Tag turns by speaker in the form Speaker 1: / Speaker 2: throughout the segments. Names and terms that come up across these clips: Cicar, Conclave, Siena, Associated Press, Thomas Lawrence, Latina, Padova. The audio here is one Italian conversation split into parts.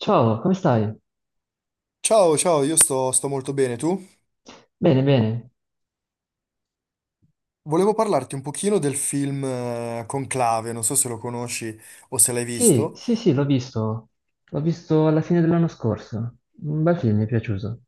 Speaker 1: Ciao, come stai?
Speaker 2: Ciao, ciao, io sto molto bene, tu?
Speaker 1: Bene, bene.
Speaker 2: Volevo parlarti un pochino del film Conclave, non so se lo conosci o se l'hai
Speaker 1: Sì,
Speaker 2: visto.
Speaker 1: sì, sì, l'ho visto. L'ho visto alla fine dell'anno scorso. Un bel film, mi è piaciuto.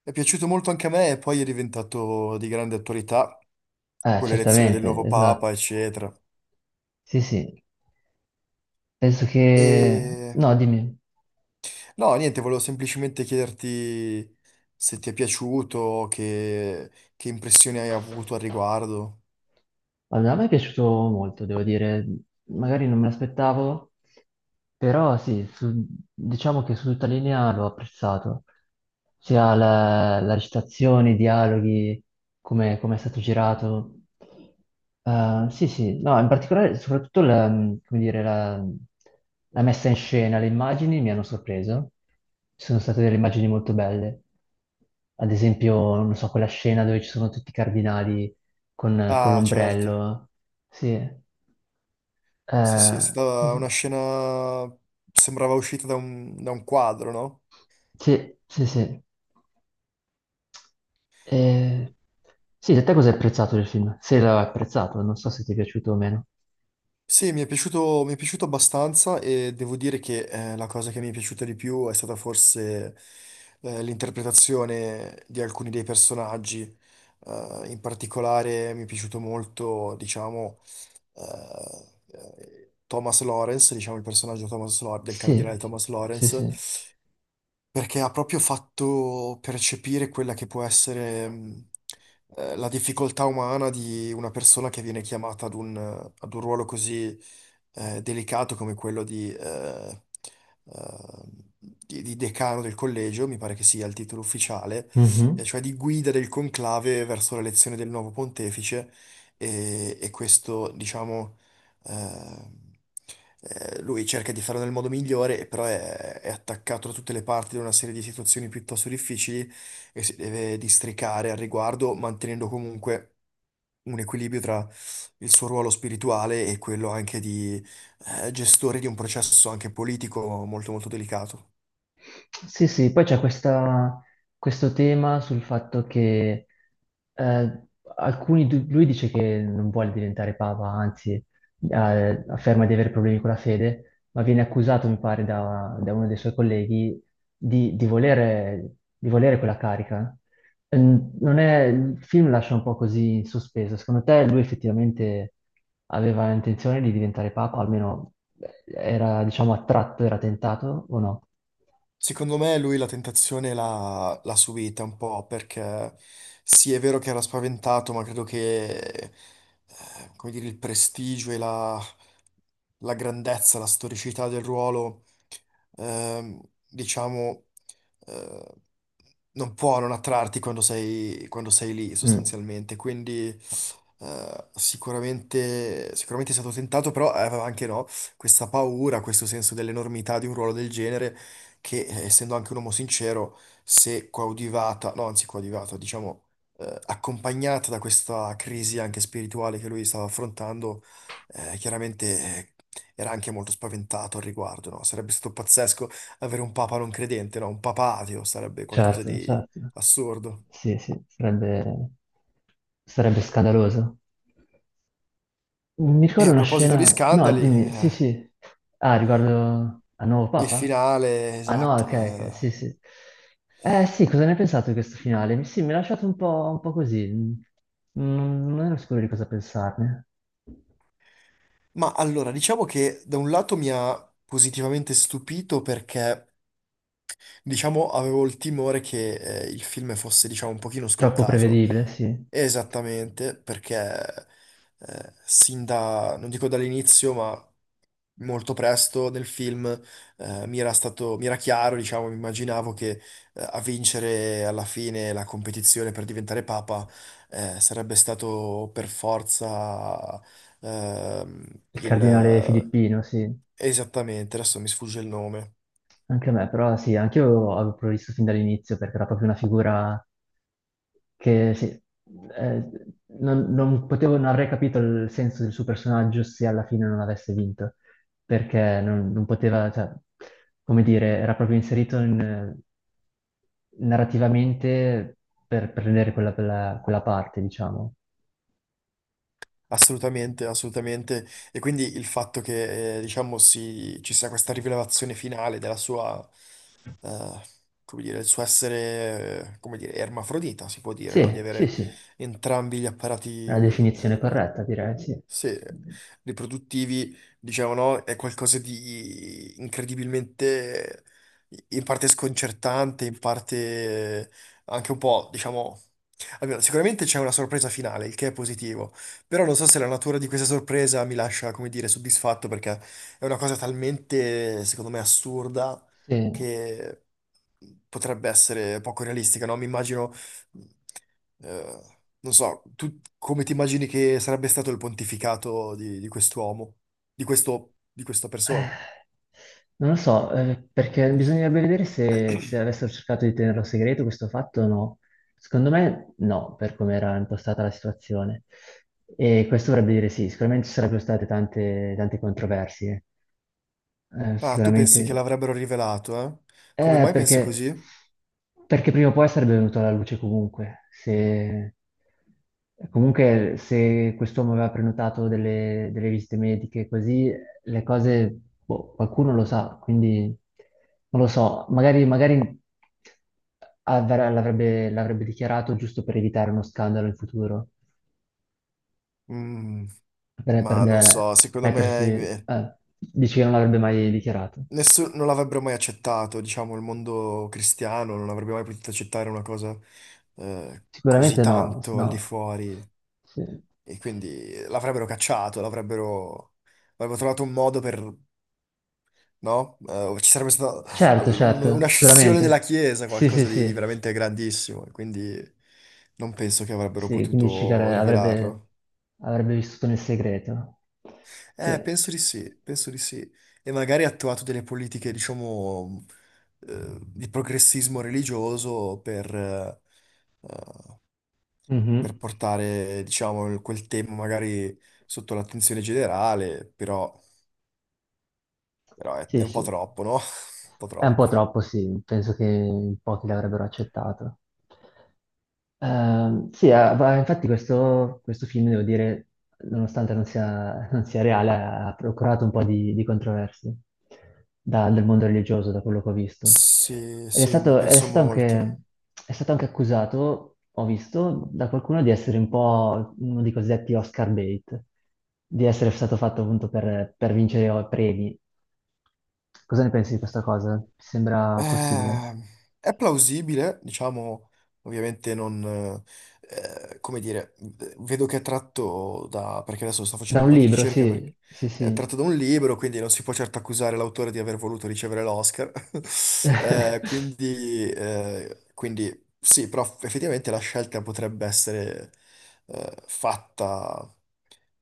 Speaker 2: È piaciuto molto anche a me e poi è diventato di grande attualità con l'elezione del
Speaker 1: Certamente,
Speaker 2: nuovo
Speaker 1: esatto.
Speaker 2: Papa, eccetera.
Speaker 1: Sì, sì. Penso che...
Speaker 2: E
Speaker 1: No, dimmi.
Speaker 2: no, niente, volevo semplicemente chiederti se ti è piaciuto, che impressioni hai avuto al riguardo.
Speaker 1: Allora, a me è piaciuto molto, devo dire, magari non me l'aspettavo, però sì, diciamo che su tutta linea l'ho apprezzato, sia la recitazione, i dialoghi, come, come è stato girato. Sì, sì, no, in particolare soprattutto la, come dire, la, la messa in scena, le immagini mi hanno sorpreso, ci sono state delle immagini molto belle, ad esempio, non so, quella scena dove ci sono tutti i cardinali con
Speaker 2: Ah, certo.
Speaker 1: l'ombrello. Sì,
Speaker 2: Sì, sì, è stata una
Speaker 1: sì,
Speaker 2: scena... sembrava uscita da un quadro, no?
Speaker 1: sì, sì, sì. Sì. Eh, sì, da te cosa hai apprezzato del film? Se l'hai apprezzato, non so se ti è piaciuto o meno.
Speaker 2: Sì, mi è piaciuto abbastanza e devo dire che la cosa che mi è piaciuta di più è stata forse l'interpretazione di alcuni dei personaggi. In particolare mi è piaciuto molto, diciamo, Thomas Lawrence, diciamo il personaggio del
Speaker 1: Sì,
Speaker 2: cardinale Thomas
Speaker 1: sì,
Speaker 2: Lawrence,
Speaker 1: sì.
Speaker 2: perché ha proprio fatto percepire quella che può essere la difficoltà umana di una persona che viene chiamata ad ad un ruolo così delicato come quello di, eh, di decano del collegio, mi pare che sia il titolo ufficiale,
Speaker 1: Mhm.
Speaker 2: cioè di guida del conclave verso l'elezione del nuovo pontefice e questo, diciamo, eh, lui cerca di farlo nel modo migliore, però è attaccato da tutte le parti da una serie di situazioni piuttosto difficili e si deve districare al riguardo, mantenendo comunque un equilibrio tra il suo ruolo spirituale e quello anche di gestore di un processo anche politico molto molto delicato.
Speaker 1: Sì, sì, questo tema sul fatto che eh, alcuni, lui dice che non vuole diventare papa, anzi afferma di avere problemi con la fede, ma viene accusato, mi pare, da uno dei suoi colleghi di volere, di volere quella carica. Non è, il film lascia un po' così in sospeso. Secondo te lui effettivamente aveva intenzione di diventare papa, almeno era, diciamo, attratto, era tentato o no?
Speaker 2: Secondo me lui la tentazione l'ha subita un po' perché sì, è vero che era spaventato, ma credo che, come dire, il prestigio e la grandezza, la storicità del ruolo, ehm, diciamo, eh, non può non attrarti quando quando sei lì
Speaker 1: Mm.
Speaker 2: sostanzialmente. Quindi sicuramente, sicuramente è stato tentato, però aveva anche no, questa paura, questo senso dell'enormità di un ruolo del genere, che essendo anche un uomo sincero, se coadiuvata, no, anzi coadiuvata, diciamo, accompagnata da questa crisi anche spirituale che lui stava affrontando, chiaramente era anche molto spaventato al riguardo, no? Sarebbe stato pazzesco avere un papa non credente, no? Un papa ateo sarebbe qualcosa
Speaker 1: Certo,
Speaker 2: di
Speaker 1: certo.
Speaker 2: assurdo.
Speaker 1: Sì, sì, sarebbe, sarebbe scandaloso. Mi
Speaker 2: E
Speaker 1: ricordo
Speaker 2: a
Speaker 1: una
Speaker 2: proposito di
Speaker 1: scena... No,
Speaker 2: scandali,
Speaker 1: dimmi, sì, sì. Ah, riguardo al nuovo
Speaker 2: il
Speaker 1: Papa?
Speaker 2: finale,
Speaker 1: Ah no,
Speaker 2: esatto.
Speaker 1: ok, ok, sì, sì. Eh sì, cosa ne hai pensato di questo finale? Sì, mi ha lasciato un po' così. Non, non ero sicuro di cosa pensarne.
Speaker 2: Ma allora, diciamo che da un lato mi ha positivamente stupito perché, diciamo, avevo il timore che il film fosse, diciamo, un pochino
Speaker 1: Troppo
Speaker 2: scontato.
Speaker 1: prevedibile, sì.
Speaker 2: Esattamente, perché sin da, non dico dall'inizio, ma molto presto nel film mi era stato, mi era chiaro, diciamo, mi immaginavo che a vincere alla fine la competizione per diventare papa sarebbe stato per forza, ehm,
Speaker 1: Il cardinale
Speaker 2: il...
Speaker 1: Filippino, sì.
Speaker 2: Esattamente, adesso mi sfugge il nome.
Speaker 1: Anche a me, però sì, anche io avevo previsto fin dall'inizio perché era proprio una figura che sì, eh, non, non potevo, non avrei capito il senso del suo personaggio se alla fine non avesse vinto, perché non, non poteva, cioè, come dire, era proprio inserito in, narrativamente per prendere quella, quella parte, diciamo.
Speaker 2: Assolutamente, assolutamente. E quindi il fatto che, diciamo, ci sia questa rivelazione finale della sua, eh, come dire, il suo essere, come dire, ermafrodita, si può dire, no? Di
Speaker 1: Sì, sì,
Speaker 2: avere
Speaker 1: sì, è
Speaker 2: entrambi gli
Speaker 1: la
Speaker 2: apparati,
Speaker 1: definizione corretta, direi, sì.
Speaker 2: sì, riproduttivi, diciamo, no? È qualcosa di incredibilmente, in parte sconcertante, in parte anche un po', diciamo, almeno sicuramente c'è una sorpresa finale, il che è positivo, però non so se la natura di questa sorpresa mi lascia, come dire, soddisfatto perché è una cosa talmente, secondo me, assurda
Speaker 1: Sì.
Speaker 2: che potrebbe essere poco realistica, no? Mi immagino, non so, tu come ti immagini che sarebbe stato il pontificato di quest'uomo, di questo, di questa persona?
Speaker 1: Eh, non lo so, perché bisognerebbe vedere se, se avessero cercato di tenerlo segreto questo fatto o no. Secondo me no, per come era impostata la situazione. E questo vorrebbe dire sì, sicuramente ci sarebbero state tante, tante controversie.
Speaker 2: Ah, tu pensi che
Speaker 1: Sicuramente
Speaker 2: l'avrebbero rivelato, eh? Come
Speaker 1: eh,
Speaker 2: mai pensi
Speaker 1: perché,
Speaker 2: così?
Speaker 1: perché prima o poi sarebbe venuto alla luce comunque. Se, comunque, se quest'uomo aveva prenotato delle visite mediche, così le cose, boh, qualcuno lo sa, quindi non lo so, magari, magari l'avrebbe dichiarato giusto per evitare uno scandalo in futuro,
Speaker 2: Mm,
Speaker 1: per,
Speaker 2: ma non so, secondo me
Speaker 1: mettersi, dici che non l'avrebbe mai dichiarato.
Speaker 2: non l'avrebbero mai accettato, diciamo, il mondo cristiano non avrebbe mai potuto accettare una cosa così
Speaker 1: Sicuramente no, se
Speaker 2: tanto al di
Speaker 1: no,
Speaker 2: fuori,
Speaker 1: sì.
Speaker 2: e quindi l'avrebbero cacciato, l'avrebbero avrebbero trovato un modo per, no? O ci sarebbe stata
Speaker 1: Certo,
Speaker 2: una
Speaker 1: certo,
Speaker 2: scissione della
Speaker 1: sicuramente.
Speaker 2: Chiesa,
Speaker 1: Sì, sì,
Speaker 2: qualcosa di
Speaker 1: sì.
Speaker 2: veramente grandissimo, e quindi non penso che avrebbero
Speaker 1: Sì, quindi Cicar
Speaker 2: potuto
Speaker 1: avrebbe,
Speaker 2: rivelarlo.
Speaker 1: avrebbe vissuto nel segreto. Sì.
Speaker 2: Penso di sì, penso di sì. E magari ha attuato delle politiche, diciamo, di progressismo religioso per
Speaker 1: Mhm.
Speaker 2: portare, diciamo, quel tema magari sotto l'attenzione generale, però, però è
Speaker 1: Sì,
Speaker 2: un po'
Speaker 1: sì.
Speaker 2: troppo, no? Un po'
Speaker 1: È un
Speaker 2: troppo.
Speaker 1: po' troppo, sì. Penso che in pochi l'avrebbero accettato. Sì, ah, infatti questo, questo film, devo dire, nonostante non sia, non sia reale, ha procurato un po' di controversie dal mondo religioso, da quello che ho visto.
Speaker 2: Sì, sì,
Speaker 1: Ed
Speaker 2: penso molto.
Speaker 1: è stato anche accusato, ho visto, da qualcuno di essere un po' uno dei cosiddetti Oscar bait, di essere stato fatto appunto per vincere premi. Cosa ne pensi di questa cosa? Ti sembra possibile?
Speaker 2: Eh, è plausibile, diciamo, ovviamente non, come dire, vedo che è tratto da, perché adesso sto facendo
Speaker 1: Da
Speaker 2: un
Speaker 1: un
Speaker 2: po' di
Speaker 1: libro,
Speaker 2: ricerca,
Speaker 1: sì,
Speaker 2: perché
Speaker 1: sì,
Speaker 2: è
Speaker 1: sì.
Speaker 2: tratto da un libro, quindi non si può certo accusare l'autore di aver voluto ricevere l'Oscar. Quindi, quindi sì, però effettivamente la scelta potrebbe essere, fatta,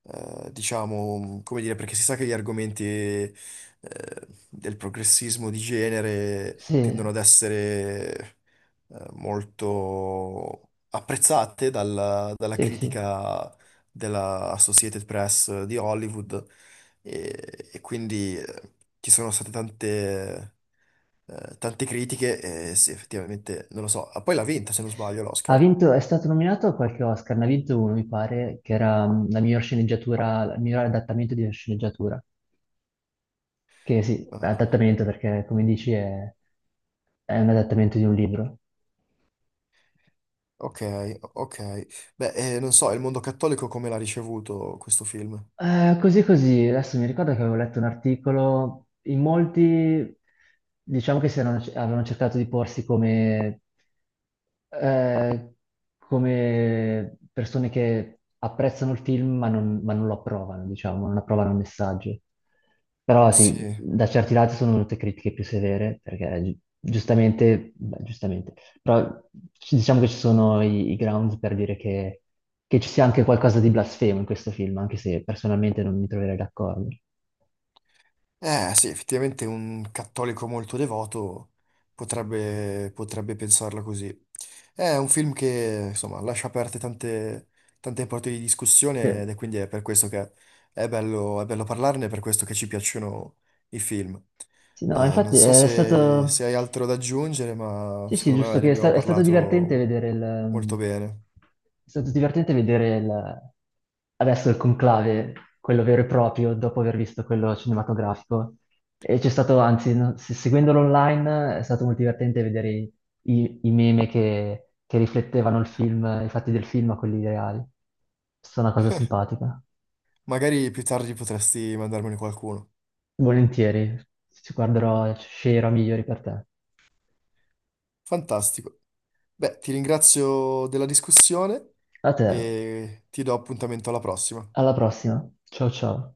Speaker 2: diciamo, come dire, perché si sa che gli argomenti del progressismo di genere tendono
Speaker 1: Sì,
Speaker 2: ad essere molto apprezzate dalla, dalla
Speaker 1: sì, sì.
Speaker 2: critica della Associated Press di Hollywood e quindi ci sono state tante, tante critiche e sì, effettivamente, non lo so. Ah, poi l'ha vinta se non sbaglio
Speaker 1: Ha
Speaker 2: l'Oscar.
Speaker 1: vinto, è stato nominato a qualche Oscar, ne ha vinto uno, mi pare, che era mm, la miglior sceneggiatura, il miglior adattamento di una sceneggiatura. Che sì,
Speaker 2: Ah,
Speaker 1: adattamento perché, come dici, è un adattamento di un libro.
Speaker 2: ok, ok. Beh, non so, il mondo cattolico come l'ha ricevuto questo film?
Speaker 1: Così così, adesso mi ricordo che avevo letto un articolo, in molti diciamo che avevano cercato di porsi come, eh, come persone che apprezzano il film ma non lo approvano, diciamo, non approvano il messaggio. Però sì,
Speaker 2: Sì.
Speaker 1: da certi lati sono venute critiche più severe, perché giustamente, beh, giustamente, però diciamo che ci sono i, i grounds per dire che ci sia anche qualcosa di blasfemo in questo film, anche se personalmente non mi troverei d'accordo.
Speaker 2: Sì, effettivamente un cattolico molto devoto potrebbe, potrebbe pensarla così. È un film che, insomma, lascia aperte tante, tante porte di
Speaker 1: Sì,
Speaker 2: discussione ed è quindi è per questo che è bello parlarne, è per questo che ci piacciono i film.
Speaker 1: sì, no,
Speaker 2: Non
Speaker 1: infatti
Speaker 2: so
Speaker 1: è
Speaker 2: se
Speaker 1: stato...
Speaker 2: hai altro da aggiungere, ma
Speaker 1: Sì, sì,
Speaker 2: secondo me
Speaker 1: giusto
Speaker 2: ne
Speaker 1: che è,
Speaker 2: abbiamo
Speaker 1: è stato divertente
Speaker 2: parlato
Speaker 1: vedere il...
Speaker 2: molto bene.
Speaker 1: è stato divertente vedere adesso il conclave, quello vero e proprio, dopo aver visto quello cinematografico. E c'è stato, anzi, no, seguendolo online è stato molto divertente vedere i, i meme che riflettevano il film, i fatti del film a quelli reali. È stata una cosa simpatica.
Speaker 2: Magari più tardi potresti mandarmene qualcuno.
Speaker 1: Volentieri, ci guarderò, sceglierò migliori per te.
Speaker 2: Fantastico. Beh, ti ringrazio della discussione
Speaker 1: A te,
Speaker 2: e ti do appuntamento alla prossima.
Speaker 1: alla prossima. Ciao ciao.